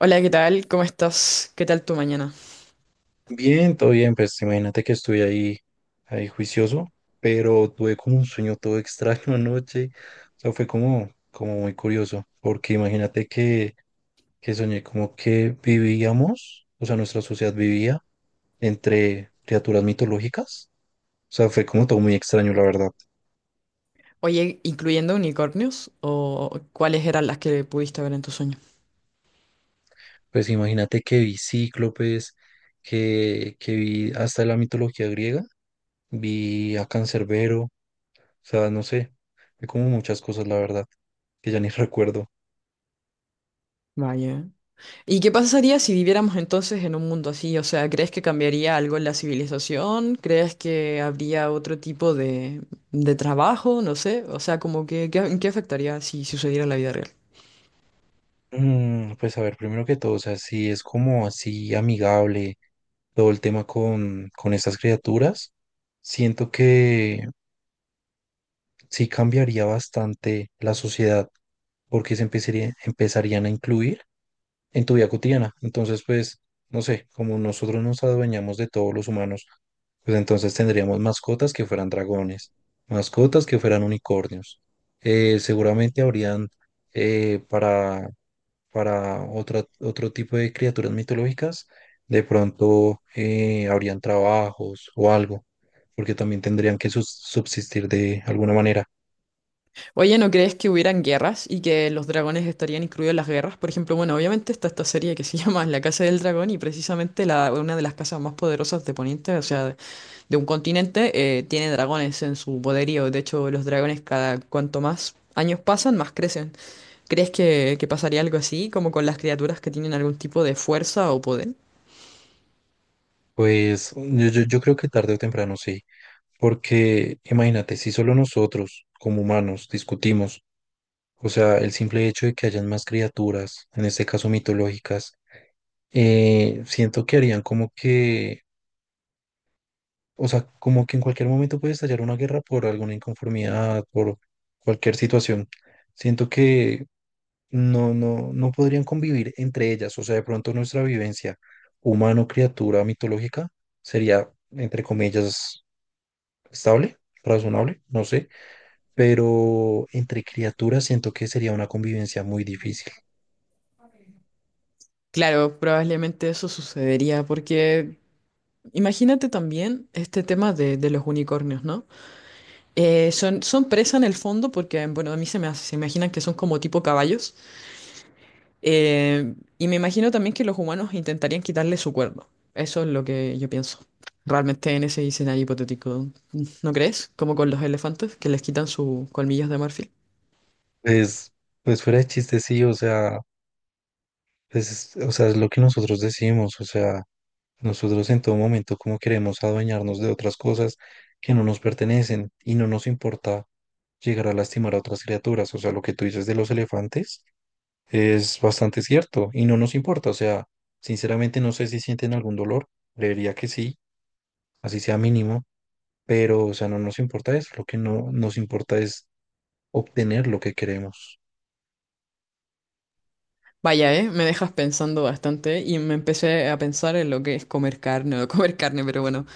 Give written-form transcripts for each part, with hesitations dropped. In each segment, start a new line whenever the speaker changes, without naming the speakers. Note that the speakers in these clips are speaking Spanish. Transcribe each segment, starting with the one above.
Hola, ¿qué tal? ¿Cómo estás? ¿Qué tal tu mañana?
Bien, todo bien, pues imagínate que estuve ahí, ahí juicioso, pero tuve como un sueño todo extraño anoche, o sea, fue como, como muy curioso, porque imagínate que soñé como que vivíamos, o sea, nuestra sociedad vivía entre criaturas mitológicas, o sea, fue como todo muy extraño, la verdad.
Oye, ¿incluyendo unicornios? ¿O cuáles eran las que pudiste ver en tu sueño?
Pues imagínate que vi cíclopes, que vi hasta la mitología griega, vi a Cancerbero. O sea, no sé, hay como muchas cosas, la verdad, que ya ni recuerdo.
Vaya. ¿Y qué pasaría si viviéramos entonces en un mundo así? O sea, ¿crees que cambiaría algo en la civilización? ¿Crees que habría otro tipo de trabajo? No sé. O sea, como que, ¿qué, en qué afectaría si sucediera en la vida real?
Pues a ver, primero que todo, o sea, si es como así amigable todo el tema con estas criaturas, siento que sí cambiaría bastante la sociedad, porque empezarían a incluir en tu vida cotidiana. Entonces, pues, no sé, como nosotros nos adueñamos de todos los humanos, pues entonces tendríamos mascotas que fueran dragones, mascotas que fueran unicornios. Seguramente habrían para, otro tipo de criaturas mitológicas, de pronto habrían trabajos o algo, porque también tendrían que subsistir de alguna manera.
Oye, ¿no crees que hubieran guerras y que los dragones estarían incluidos en las guerras? Por ejemplo, bueno, obviamente está esta serie que se llama La Casa del Dragón y precisamente la, una de las casas más poderosas de Poniente, o sea, de un continente, tiene dragones en su poderío. De hecho, los dragones cada cuanto más años pasan, más crecen. ¿Crees que pasaría algo así, como con las criaturas que tienen algún tipo de fuerza o poder?
Pues yo creo que tarde o temprano sí, porque imagínate, si solo nosotros como humanos discutimos, o sea, el simple hecho de que hayan más criaturas, en este caso mitológicas, siento que harían como que, o sea, como que en cualquier momento puede estallar una guerra por alguna inconformidad, por cualquier situación. Siento que no, no, no podrían convivir entre ellas, o sea, de pronto nuestra vivencia humano-criatura mitológica sería, entre comillas, estable, razonable, no sé, pero entre criaturas siento que sería una convivencia muy difícil.
Claro, probablemente eso sucedería porque imagínate también este tema de los unicornios, ¿no? Son, son presa en el fondo porque, bueno, a mí se me, se imaginan que son como tipo caballos. Y me imagino también que los humanos intentarían quitarle su cuerno. Eso es lo que yo pienso. Realmente en ese escenario hipotético, ¿no crees? Como con los elefantes que les quitan sus colmillos de marfil.
Pues, pues fuera de chiste, sí, o sea, pues, o sea, es lo que nosotros decimos, o sea, nosotros en todo momento como queremos adueñarnos de otras cosas que no nos pertenecen y no nos importa llegar a lastimar a otras criaturas, o sea, lo que tú dices de los elefantes es bastante cierto y no nos importa, o sea, sinceramente no sé si sienten algún dolor, creería que sí, así sea mínimo, pero, o sea, no nos importa eso, lo que no nos importa es obtener lo que queremos.
Vaya, me dejas pensando bastante y me empecé a pensar en lo que es comer carne o no comer carne, pero bueno,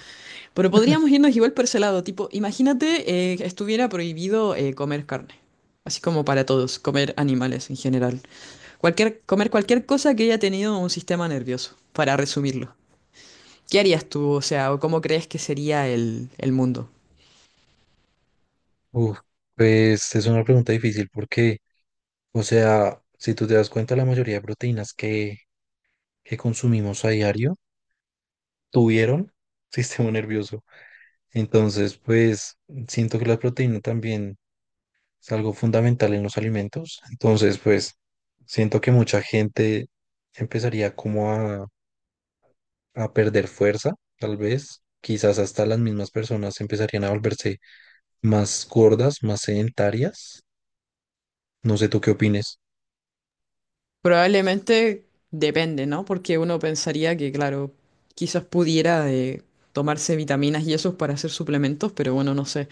pero podríamos irnos igual por ese lado, tipo, imagínate que estuviera prohibido comer carne, así como para todos, comer animales en general. Cualquier, comer cualquier cosa que haya tenido un sistema nervioso, para resumirlo. ¿Qué harías tú? O sea, ¿o ¿cómo crees que sería el mundo?
Uf, pues es una pregunta difícil porque, o sea, si tú te das cuenta, la mayoría de proteínas que consumimos a diario tuvieron sistema nervioso. Entonces, pues siento que la proteína también es algo fundamental en los alimentos. Entonces, pues siento que mucha gente empezaría como a perder fuerza, tal vez. Quizás hasta las mismas personas empezarían a volverse más gordas, más sedentarias. No sé tú qué opines.
Probablemente depende, ¿no? Porque uno pensaría que, claro, quizás pudiera de tomarse vitaminas y esos para hacer suplementos, pero bueno, no sé.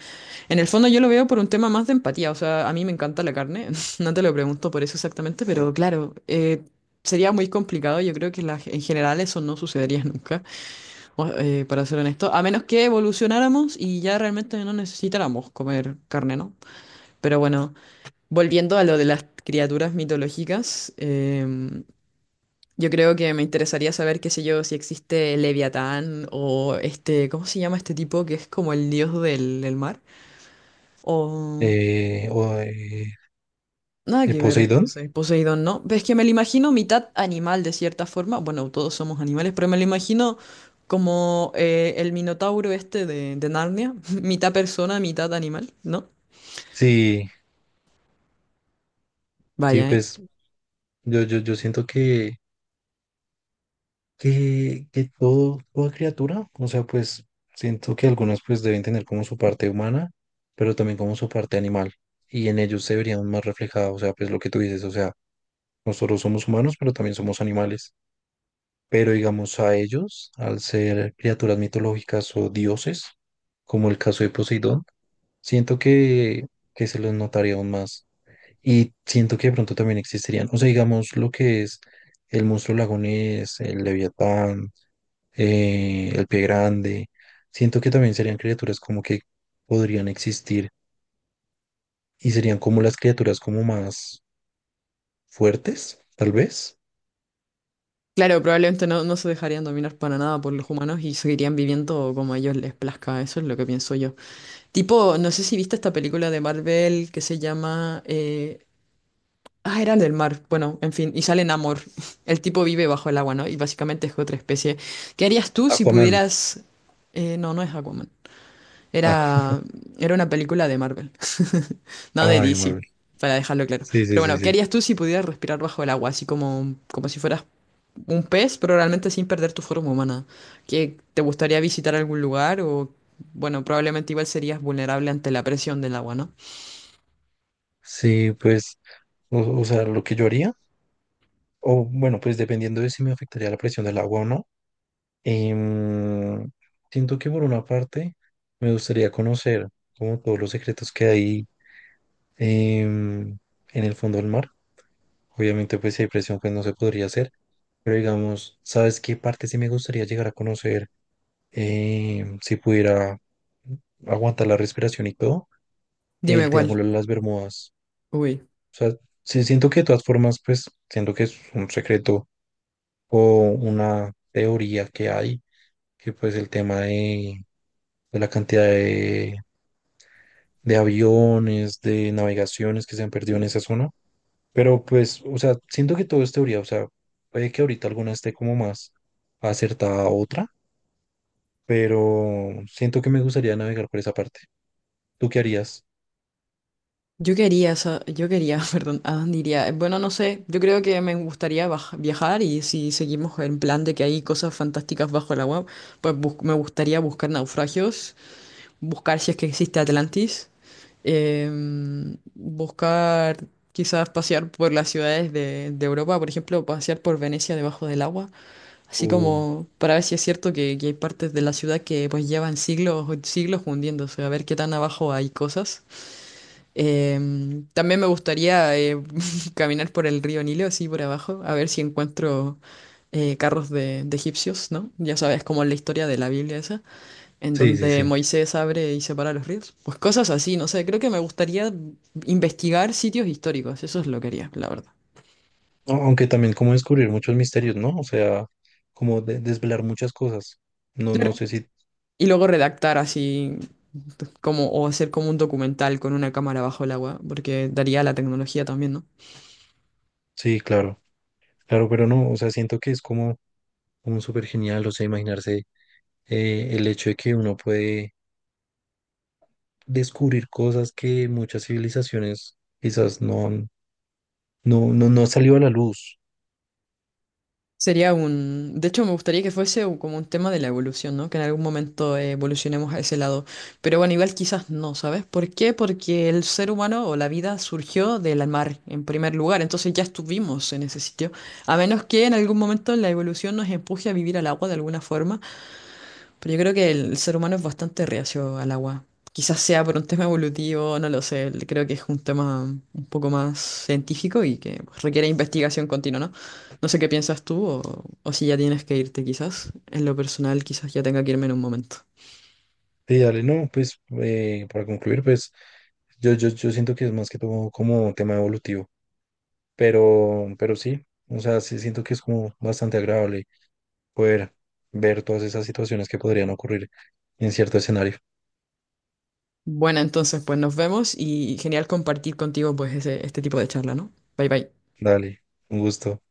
En el fondo yo lo veo por un tema más de empatía, o sea, a mí me encanta la carne, no te lo pregunto por eso exactamente, pero claro, sería muy complicado, yo creo que en general eso no sucedería nunca, para ser honesto, a menos que evolucionáramos y ya realmente no necesitáramos comer carne, ¿no? Pero bueno. Volviendo a lo de las criaturas mitológicas, yo creo que me interesaría saber, qué sé yo, si existe Leviatán o este, ¿cómo se llama este tipo que es como el dios del, del mar? O
Eh, o, eh,
nada que ver
Poseidón.
entonces, Poseidón, ¿no? Pues es que me lo imagino mitad animal de cierta forma, bueno, todos somos animales, pero me lo imagino como el Minotauro este de Narnia, mitad persona, mitad animal, ¿no?
Sí, sí,
Vaya, ¿eh?
pues yo siento que, que todo, toda criatura, o sea, pues siento que algunas pues deben tener como su parte humana, pero también como su parte animal. Y en ellos se verían más reflejados, o sea, pues lo que tú dices, o sea, nosotros somos humanos, pero también somos animales. Pero digamos a ellos, al ser criaturas mitológicas o dioses, como el caso de Poseidón, siento que se los notaría aún más. Y siento que de pronto también existirían, o sea, digamos lo que es el monstruo lagonés, el leviatán, el pie grande. Siento que también serían criaturas como que podrían existir y serían como las criaturas como más fuertes, tal vez.
Claro, probablemente no, no se dejarían dominar para nada por los humanos y seguirían viviendo como a ellos les plazca, eso es lo que pienso yo. Tipo, no sé si viste esta película de Marvel que se llama... ah, era del mar. Bueno, en fin, y sale Namor. El tipo vive bajo el agua, ¿no? Y básicamente es otra especie. ¿Qué harías tú si
Aquaman.
pudieras... no, no es agua
Ah,
era, era una película de Marvel, no de
ay,
DC,
Marvel.
para dejarlo claro.
Sí, sí,
Pero
sí,
bueno, ¿qué
sí.
harías tú si pudieras respirar bajo el agua? Así como, como si fueras un pez, pero realmente sin perder tu forma humana. ¿Qué, te gustaría visitar algún lugar? O, bueno, probablemente igual serías vulnerable ante la presión del agua, ¿no?
Sí, pues, o sea, lo que yo haría, o bueno, pues dependiendo de si me afectaría la presión del agua o no. Em, Siento que por una parte me gustaría conocer como todos los secretos que hay em, en el fondo del mar. Obviamente pues si hay presión pues no se podría hacer, pero digamos, ¿sabes qué parte sí me gustaría llegar a conocer? ¿Si pudiera aguantar la respiración y todo?
Dime
El
cuál.
Triángulo de las Bermudas.
Uy.
O sea, sí siento que de todas formas pues siento que es un secreto o una teoría que hay, que pues el tema de la cantidad de aviones, de navegaciones que se han perdido en esa zona. Pero pues, o sea, siento que todo es teoría, o sea, puede que ahorita alguna esté como más acertada a otra, pero siento que me gustaría navegar por esa parte. ¿Tú qué harías?
Yo quería, perdón, ¿a dónde iría? Bueno, no sé, yo creo que me gustaría viajar y si seguimos en plan de que hay cosas fantásticas bajo el agua, pues me gustaría buscar naufragios, buscar si es que existe Atlantis, buscar quizás pasear por las ciudades de Europa, por ejemplo, pasear por Venecia debajo del agua, así
Tú-
como para ver si es cierto que hay partes de la ciudad que pues llevan siglos, siglos hundiéndose, a ver qué tan abajo hay cosas. También me gustaría caminar por el río Nilo, así por abajo, a ver si encuentro carros de egipcios, ¿no? Ya sabes, como en la historia de la Biblia esa, en
Sí, sí,
donde
sí.
Moisés abre y separa los ríos. Pues cosas así, no sé, creo que me gustaría investigar sitios históricos, eso es lo que haría, la verdad.
A- Aunque también como descubrir muchos misterios, ¿no? O sea, como desvelar muchas cosas. No, no sé si,
Y luego redactar así como o hacer como un documental con una cámara bajo el agua, porque daría la tecnología también, ¿no?
sí, claro, claro, pero no, o sea, siento que es como, como súper genial, o sea, imaginarse el hecho de que uno puede descubrir cosas que muchas civilizaciones quizás no han, no, no, no han salido a la luz.
Sería un... De hecho, me gustaría que fuese como un tema de la evolución, ¿no? Que en algún momento evolucionemos a ese lado. Pero bueno, igual quizás no, ¿sabes? ¿Por qué? Porque el ser humano o la vida surgió del mar en primer lugar. Entonces ya estuvimos en ese sitio. A menos que en algún momento la evolución nos empuje a vivir al agua de alguna forma. Pero yo creo que el ser humano es bastante reacio al agua. Quizás sea por un tema evolutivo, no lo sé. Creo que es un tema un poco más científico y que pues, requiere investigación continua, ¿no? No sé qué piensas tú o si ya tienes que irte quizás. En lo personal, quizás ya tenga que irme en un momento.
Y dale, no, pues para concluir, pues yo siento que es más que todo como tema evolutivo, pero sí, o sea, sí siento que es como bastante agradable poder ver todas esas situaciones que podrían ocurrir en cierto escenario.
Bueno, entonces pues nos vemos y genial compartir contigo pues este tipo de charla, ¿no? Bye bye.
Dale, un gusto.